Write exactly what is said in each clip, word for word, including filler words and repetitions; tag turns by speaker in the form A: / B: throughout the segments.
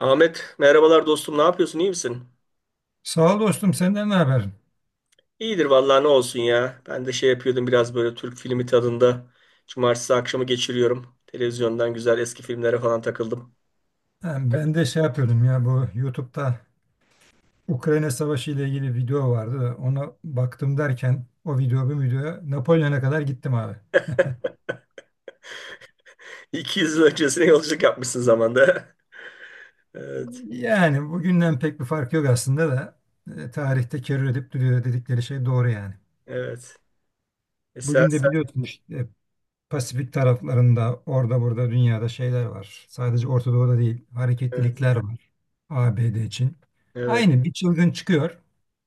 A: Ahmet merhabalar dostum, ne yapıyorsun, iyi misin?
B: Sağ ol dostum, senden ne haber?
A: İyidir vallahi, ne olsun ya. Ben de şey yapıyordum biraz böyle Türk filmi tadında. Cumartesi akşamı geçiriyorum. Televizyondan güzel eski filmlere falan takıldım.
B: Yani ben de şey yapıyordum ya, bu YouTube'da Ukrayna Savaşı ile ilgili video vardı da ona baktım, derken o video bu videoya, Napolyon'a kadar gittim abi.
A: iki yüz yıl öncesine yolculuk yapmışsın zamanda. Evet,
B: Yani bugünden pek bir fark yok aslında da, e, tarihte kerür edip duruyor dedikleri şey doğru yani.
A: evet. Esasen
B: Bugün de biliyorsun işte, Pasifik taraflarında, orada burada dünyada şeyler var. Sadece Orta Doğu'da değil,
A: evet,
B: hareketlilikler var A B D için.
A: evet,
B: Aynı bir çılgın çıkıyor.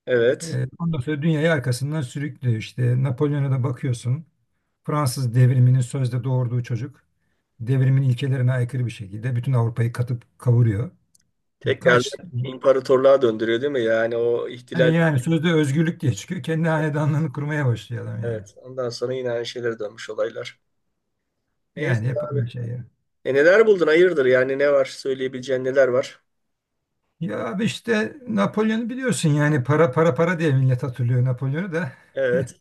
A: evet.
B: Ee, Ondan sonra dünyayı arkasından sürüklüyor. İşte Napolyon'a da bakıyorsun. Fransız Devriminin sözde doğurduğu çocuk, devrimin ilkelerine aykırı bir şekilde bütün Avrupa'yı katıp kavuruyor.
A: Tekrar
B: Kaç
A: imparatorluğa döndürüyor değil mi? Yani o
B: e,
A: ihtilal
B: yani sözde özgürlük diye çıkıyor, kendi hanedanlığını kurmaya başlıyor adam yani.
A: evet. Ondan sonra yine aynı şeylere dönmüş olaylar. Neyse
B: Yani hep aynı
A: abi.
B: şey ya.
A: E, neler buldun? Hayırdır? Yani ne var? Söyleyebileceğin neler var?
B: Ya abi, işte Napolyon'u biliyorsun, yani para para para diye millet hatırlıyor Napolyon'u da.
A: Evet.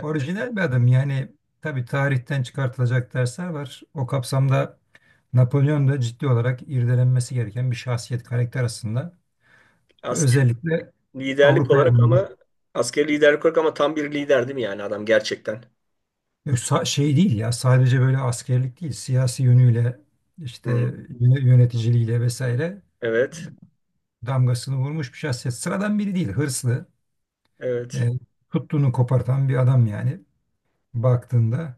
B: Orijinal bir adam yani. Tabii tarihten çıkartılacak dersler var. O kapsamda Napolyon da ciddi olarak irdelenmesi gereken bir şahsiyet, karakter aslında.
A: Asker
B: Özellikle
A: liderlik
B: Avrupa'ya
A: olarak,
B: alındı.
A: ama askeri liderlik olarak, ama tam bir lider değil mi yani adam gerçekten?
B: Yok, sa- şey değil ya, sadece böyle askerlik değil, siyasi yönüyle işte
A: Hı.
B: yöne- yöneticiliğiyle vesaire
A: Evet.
B: damgasını vurmuş bir şahsiyet. Sıradan biri değil, hırslı,
A: Evet.
B: e, tuttuğunu kopartan bir adam yani, baktığında.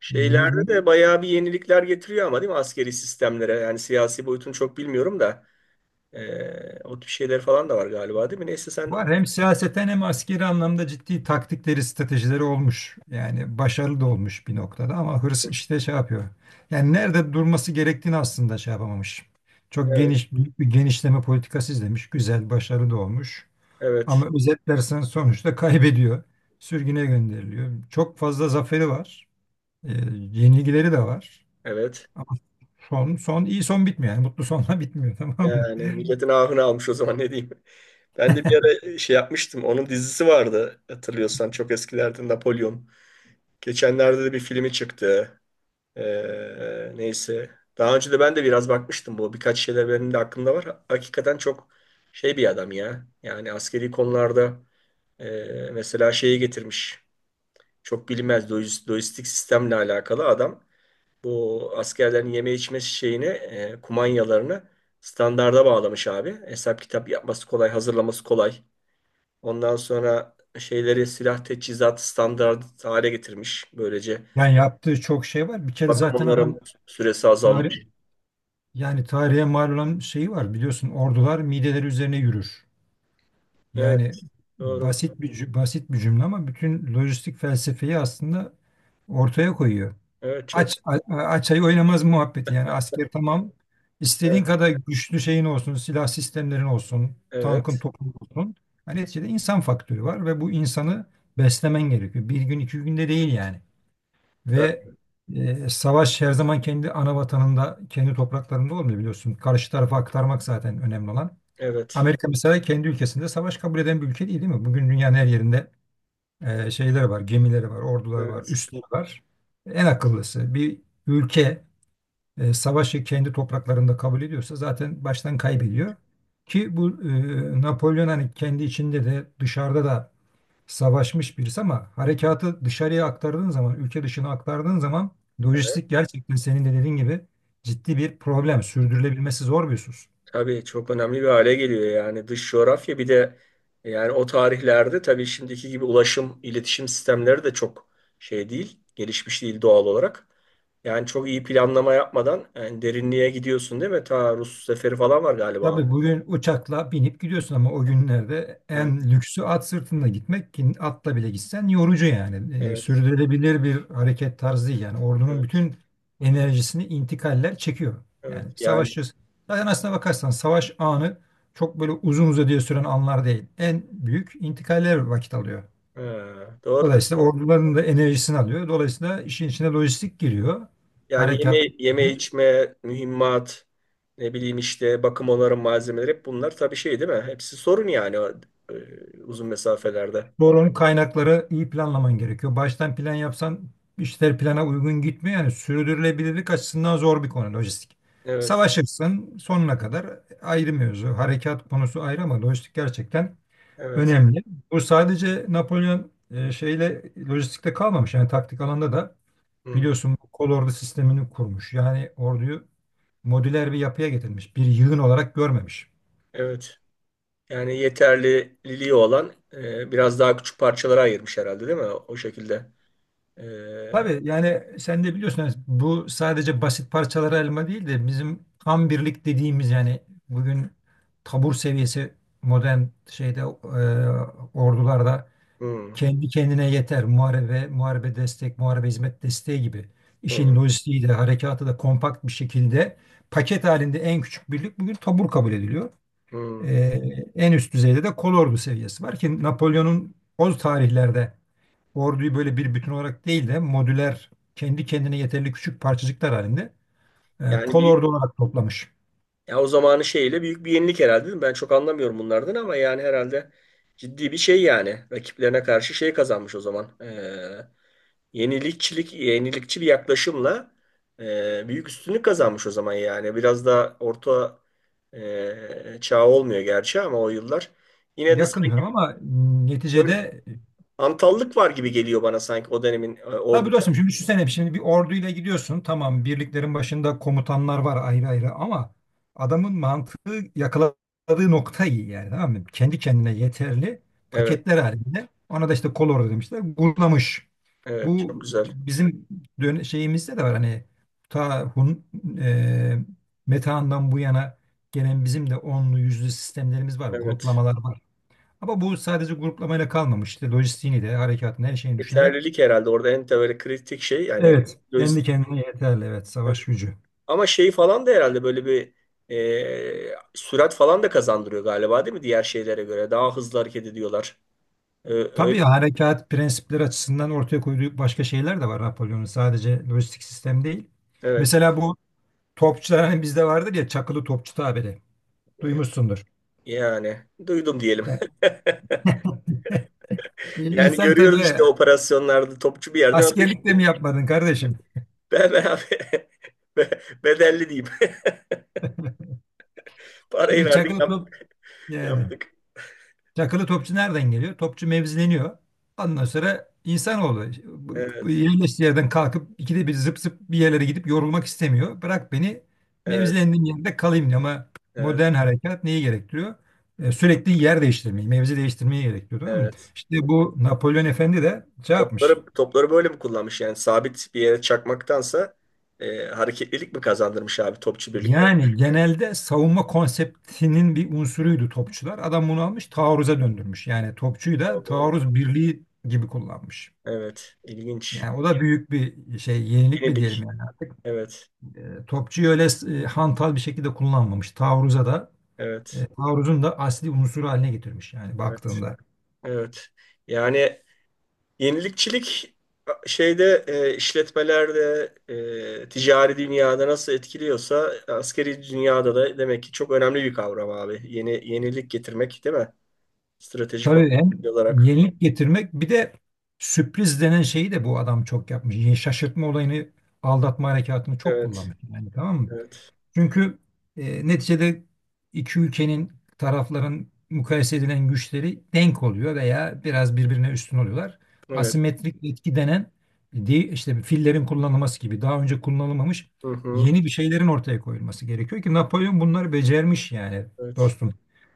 A: Şeylerde
B: yirmi,
A: de bayağı bir yenilikler getiriyor ama değil mi askeri sistemlere? Yani siyasi boyutunu çok bilmiyorum da eee, o tip şeyler falan da var galiba değil mi? Neyse sen
B: var hem siyaseten hem askeri anlamda ciddi taktikleri, stratejileri olmuş. Yani başarılı da olmuş bir noktada ama hırs işte şey yapıyor. Yani nerede durması gerektiğini aslında şey yapamamış. Çok
A: evet,
B: geniş, büyük bir genişleme politikası izlemiş. Güzel, başarılı da olmuş.
A: evet,
B: Ama özetlersen sonuçta kaybediyor. Sürgüne gönderiliyor. Çok fazla zaferi var. E, yenilgileri de var.
A: evet,
B: Ama son, son iyi son bitmiyor. Yani mutlu sonla bitmiyor tamam mı?
A: yani milletin ahını almış o zaman, ne diyeyim. Ben de bir ara şey yapmıştım. Onun dizisi vardı hatırlıyorsan, çok eskilerden, Napolyon. Geçenlerde de bir filmi çıktı. Ee, neyse. Daha önce de ben de biraz bakmıştım bu. Birkaç şeyler benim de aklımda var. Hakikaten çok şey bir adam ya. Yani askeri konularda e, mesela şeyi getirmiş. Çok bilinmez lojis- lojistik sistemle alakalı adam. Bu askerlerin yeme içme şeyini, e, kumanyalarını standarda bağlamış abi. Hesap kitap yapması kolay, hazırlaması kolay. Ondan sonra şeyleri silah teçhizat standart hale getirmiş. Böylece
B: Yani yaptığı çok şey var. Bir kere
A: bakım
B: zaten adam
A: onarım süresi
B: tarih, yani tarihe mal olan şeyi var, biliyorsun, ordular mideleri üzerine yürür.
A: evet,
B: Yani
A: doğru.
B: basit bir cü- basit bir cümle ama bütün lojistik felsefeyi aslında ortaya koyuyor.
A: Evet, çok
B: Aç a- aç ayı oynamaz muhabbeti, yani asker, tamam,
A: evet,
B: istediğin kadar güçlü şeyin olsun, silah sistemlerin olsun, tankın
A: evet,
B: topun olsun. Hani neticede insan faktörü var ve bu insanı beslemen gerekiyor. Bir gün, iki günde değil yani.
A: tabii,
B: Ve e, savaş her zaman kendi ana vatanında, kendi topraklarında olmuyor, biliyorsun. Karşı tarafa aktarmak zaten önemli olan.
A: evet,
B: Amerika mesela kendi ülkesinde savaş kabul eden bir ülke değil, değil mi? Bugün dünyanın her yerinde e, şeyleri var, gemileri var, orduları var,
A: evet,
B: üsleri var. En akıllısı, bir ülke e, savaşı kendi topraklarında kabul ediyorsa zaten baştan kaybediyor. Ki bu e, Napolyon hani kendi içinde de dışarıda da savaşmış birisi ama harekatı dışarıya aktardığın zaman, ülke dışına aktardığın zaman,
A: evet.
B: lojistik gerçekten senin de dediğin gibi ciddi bir problem, sürdürülebilmesi zor bir husus.
A: Tabii çok önemli bir hale geliyor yani, dış coğrafya bir de, yani o tarihlerde tabii şimdiki gibi ulaşım, iletişim sistemleri de çok şey değil, gelişmiş değil doğal olarak. Yani çok iyi planlama yapmadan yani derinliğe gidiyorsun değil mi? Ta Rus seferi falan var galiba.
B: Tabii bugün uçakla binip gidiyorsun ama o günlerde
A: Evet,
B: en lüksü at sırtında gitmek, ki atla bile gitsen yorucu yani. Ee,
A: evet,
B: sürdürülebilir bir hareket tarzı değil. Yani ordunun
A: evet,
B: bütün enerjisini intikaller çekiyor. Yani
A: evet. Yani
B: savaşçı, zaten aslına bakarsan savaş anı çok böyle uzun uzadıya süren anlar değil. En büyük intikaller vakit alıyor.
A: ha, doğrudur.
B: Dolayısıyla orduların da enerjisini alıyor. Dolayısıyla işin içine lojistik giriyor.
A: Yani yeme,
B: Harekat.
A: yeme içme, mühimmat, ne bileyim işte bakım onarım malzemeleri, hep bunlar tabii şey değil mi? Hepsi sorun yani o, e, uzun mesafelerde.
B: Doğru, onun kaynakları iyi planlaman gerekiyor. Baştan plan yapsan işler plana uygun gitmiyor. Yani sürdürülebilirlik açısından zor bir konu lojistik.
A: Evet,
B: Savaşırsın sonuna kadar, ayrı mevzu. Harekat konusu ayrı ama lojistik gerçekten
A: evet,
B: önemli. Bu sadece Napolyon e, şeyle, lojistikte kalmamış. Yani taktik alanda da
A: hmm,
B: biliyorsun, bu kol ordu sistemini kurmuş. Yani orduyu modüler bir yapıya getirmiş, bir yığın olarak görmemiş.
A: evet. Yani yeterliliği olan e, biraz daha küçük parçalara ayırmış herhalde değil mi? O şekilde. E,
B: Tabii yani sen de biliyorsun, yani bu sadece basit parçalara elma değil de bizim tam birlik dediğimiz yani, bugün tabur seviyesi, modern şeyde, e, ordularda
A: hmm,
B: kendi kendine yeter. Muharebe, muharebe destek, muharebe hizmet desteği gibi işin
A: hmm,
B: lojistiği de harekatı da kompakt bir şekilde, paket halinde en küçük birlik bugün tabur kabul ediliyor. Ee,
A: hmm.
B: en üst düzeyde de kolordu seviyesi var ki Napolyon'un o tarihlerde orduyu böyle bir bütün olarak değil de modüler, kendi kendine yeterli küçük parçacıklar halinde, e,
A: Yani bir,
B: kolordu olarak toplamış.
A: ya o zamanı şeyle büyük bir yenilik herhalde değil mi? Ben çok anlamıyorum bunlardan ama yani herhalde ciddi bir şey yani. Rakiplerine karşı şey kazanmış o zaman. E, yenilikçilik, yenilikçi bir yaklaşımla e, büyük üstünlük kazanmış o zaman yani. Biraz da orta e, çağ olmuyor gerçi ama o yıllar. Yine de
B: Yakın
A: sanki
B: diyorum ama m,
A: böyle
B: neticede,
A: antallık var gibi geliyor bana, sanki o dönemin e,
B: tabii
A: ordu.
B: dostum, şimdi düşünsene, şimdi bir orduyla gidiyorsun, tamam, birliklerin başında komutanlar var ayrı ayrı, ama adamın mantığı yakaladığı nokta iyi, yani tamam mı? Kendi kendine yeterli
A: Evet,
B: paketler halinde, ona da işte kolordu demişler, bulamış.
A: evet çok
B: Bu
A: güzel.
B: bizim dön- şeyimizde de var hani, ta Hun, e, Metehan'dan bu yana gelen, bizim de onlu yüzlü sistemlerimiz var,
A: Evet.
B: gruplamalar var. Ama bu sadece gruplamayla kalmamış. İşte lojistiğini de, harekatını, her şeyini düşünerek,
A: Yeterlilik herhalde orada en böyle kritik şey yani,
B: evet, kendi
A: lojistik.
B: kendine yeterli, evet,
A: Evet.
B: savaş gücü.
A: Ama şey falan da herhalde böyle bir e, sürat falan da kazandırıyor galiba değil mi diğer şeylere göre? Daha hızlı hareket ediyorlar. Ee, öyle-
B: Tabii harekat prensipleri açısından ortaya koyduğu başka şeyler de var Napolyon'un. Sadece lojistik sistem değil.
A: evet.
B: Mesela bu topçular, hani bizde vardır ya çakılı topçu tabiri.
A: E,
B: Duymuşsundur.
A: yani duydum diyelim.
B: Yani
A: Yani
B: İnsan
A: görüyoruz
B: tabii.
A: işte, operasyonlarda topçu bir yerden ateş.
B: Askerlikte mi yapmadın kardeşim?
A: Be, be abi. Be- bedelli diyeyim. Parayı
B: Şimdi
A: verdik
B: çakılı
A: yap-
B: top, yani
A: yaptık.
B: çakılı topçu nereden geliyor? Topçu mevzileniyor. Ondan sonra insanoğlu bu- bu
A: Evet.
B: yerleştiği yerden kalkıp ikide bir zıp zıp bir yerlere gidip yorulmak istemiyor. Bırak beni
A: Evet.
B: mevzilendiğim yerde kalayım diyor, ama
A: Evet.
B: modern harekat neyi gerektiriyor? E, sürekli yer değiştirmeyi, mevzi değiştirmeyi gerektiriyor. Tamam mı?
A: Evet.
B: İşte
A: Bu
B: bu Napolyon Efendi de şey yapmış.
A: Topları, topları böyle mi kullanmış, yani sabit bir yere çakmaktansa e, hareketlilik mi kazandırmış abi topçu birlikler?
B: Yani genelde savunma konseptinin bir unsuruydu topçular. Adam bunu almış taarruza döndürmüş. Yani topçuyu da
A: Allah.
B: taarruz birliği gibi kullanmış.
A: Evet, ilginç.
B: Yani o da büyük bir şey, yenilik mi diyelim
A: Yenilik.
B: yani artık.
A: Evet,
B: E, topçuyu öyle e, hantal bir şekilde kullanmamış. Taarruza da,
A: evet,
B: e, taarruzun da asli unsuru haline getirmiş yani,
A: evet,
B: baktığında.
A: evet. Yani yenilikçilik şeyde e, işletmelerde, e, ticari dünyada nasıl etkiliyorsa askeri dünyada da demek ki çok önemli bir kavram abi. Yeni yenilik getirmek değil mi? Stratejik
B: Tabii hem
A: olarak.
B: yenilik getirmek, bir de sürpriz denen şeyi de bu adam çok yapmış. Yani şaşırtma olayını, aldatma harekatını çok
A: Evet.
B: kullanmış. Yani tamam mı?
A: Evet.
B: Çünkü e, neticede iki ülkenin, tarafların mukayese edilen güçleri denk oluyor veya biraz birbirine üstün oluyorlar.
A: Evet.
B: Asimetrik etki denen, de- işte fillerin kullanılması gibi daha önce kullanılmamış,
A: Hı hı.
B: yeni bir şeylerin ortaya koyulması gerekiyor ki Napolyon bunları becermiş yani
A: Evet.
B: dostum.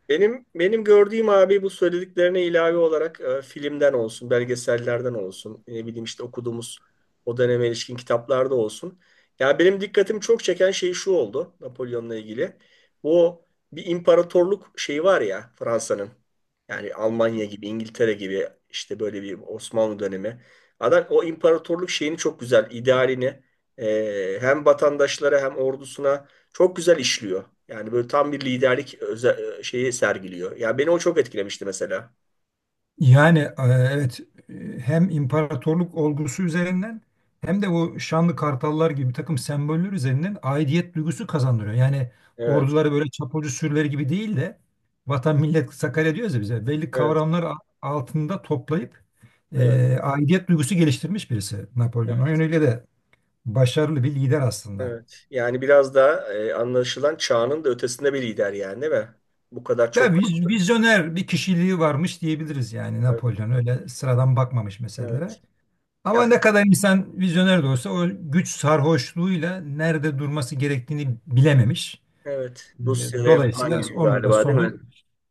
A: Benim benim gördüğüm abi, bu söylediklerine ilave olarak e, filmden olsun, belgesellerden olsun, ne bileyim işte okuduğumuz o döneme ilişkin kitaplarda olsun. Ya benim dikkatimi çok çeken şey şu oldu Napolyon'la ilgili. Bu bir imparatorluk şeyi var ya Fransa'nın. Yani Almanya gibi, İngiltere gibi, işte böyle bir Osmanlı dönemi. Adam o imparatorluk şeyini çok güzel, idealini e, hem vatandaşlara hem ordusuna çok güzel işliyor. Yani böyle tam bir liderlik öze- şeyi sergiliyor. Ya beni o çok etkilemişti mesela.
B: Yani, e, evet, e, hem imparatorluk olgusu üzerinden hem de bu şanlı kartallar gibi bir takım semboller üzerinden aidiyet duygusu kazandırıyor. Yani
A: Evet,
B: orduları böyle çapulcu sürüleri gibi değil de vatan millet Sakarya diyoruz ya, bize belli
A: evet,
B: kavramlar a- altında toplayıp
A: evet,
B: e, aidiyet duygusu geliştirmiş birisi Napolyon. O
A: evet,
B: yönüyle de başarılı bir lider aslında.
A: evet. Yani biraz da e, anlaşılan çağının da ötesinde bir lider yani değil mi? Bu kadar
B: Ya
A: çok
B: viz- vizyoner bir kişiliği varmış diyebiliriz yani.
A: evet,
B: Napolyon öyle sıradan bakmamış meselelere.
A: evet. Ya
B: Ama ne kadar insan vizyoner de olsa, o güç sarhoşluğuyla nerede durması gerektiğini bilememiş.
A: evet. Rusya'ya falan
B: Dolayısıyla
A: gidiyor
B: onun da
A: galiba değil mi?
B: sonu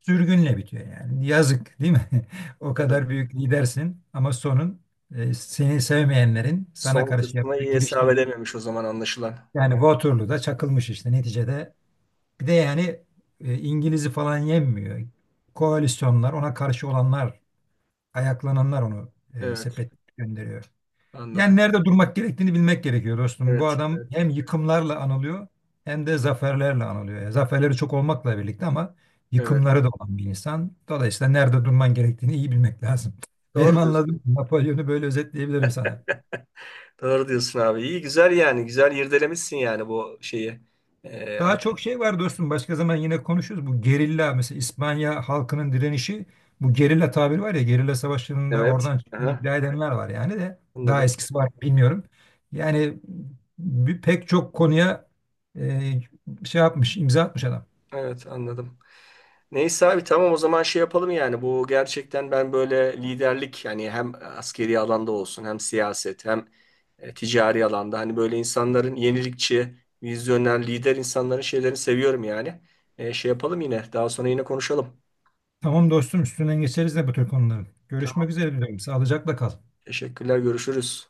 B: sürgünle bitiyor yani. Yazık değil mi? O
A: Evet.
B: kadar büyük lidersin ama sonun, e, seni sevmeyenlerin sana
A: Son
B: karşı
A: kısmına
B: yaptığı,
A: iyi hesap
B: giriştiği...
A: edememiş o zaman anlaşılan.
B: Yani Waterloo'da çakılmış işte neticede. Bir de yani e, İngiliz'i falan yenmiyor. Koalisyonlar, ona karşı olanlar, ayaklananlar onu e,
A: Evet,
B: sepet gönderiyor.
A: anladım.
B: Yani nerede durmak gerektiğini bilmek gerekiyor dostum. Bu
A: Evet,
B: adam
A: evet,
B: hem yıkımlarla anılıyor hem de zaferlerle anılıyor. Yani zaferleri çok olmakla birlikte ama
A: evet.
B: yıkımları da olan bir insan. Dolayısıyla nerede durman gerektiğini iyi bilmek lazım. Benim
A: Doğru diyorsun.
B: anladığım, Napolyon'u böyle özetleyebilirim sana.
A: Doğru diyorsun abi. İyi güzel yani. Güzel irdelemişsin yani bu şeyi. E,
B: Daha çok şey var dostum. Başka zaman yine konuşuruz. Bu gerilla mesela, İspanya halkının direnişi, bu gerilla tabiri var ya, gerilla savaşlarında
A: Evet.
B: oradan çıktığını
A: Aha,
B: iddia edenler var yani, de daha
A: anladım.
B: eskisi var mı bilmiyorum. Yani bir, pek çok konuya e, şey yapmış, imza atmış adam.
A: Evet, anladım. Neyse abi tamam, o zaman şey yapalım yani, bu gerçekten ben böyle liderlik yani hem askeri alanda olsun hem siyaset hem e, ticari alanda, hani böyle insanların yenilikçi, vizyoner, lider insanların şeylerini seviyorum yani. E, şey yapalım, yine daha sonra yine konuşalım.
B: Tamam dostum, üstünden geçeriz de bu tür konuların. Görüşmek
A: Tamam,
B: üzere diyorum. Sağlıcakla kal.
A: teşekkürler, görüşürüz.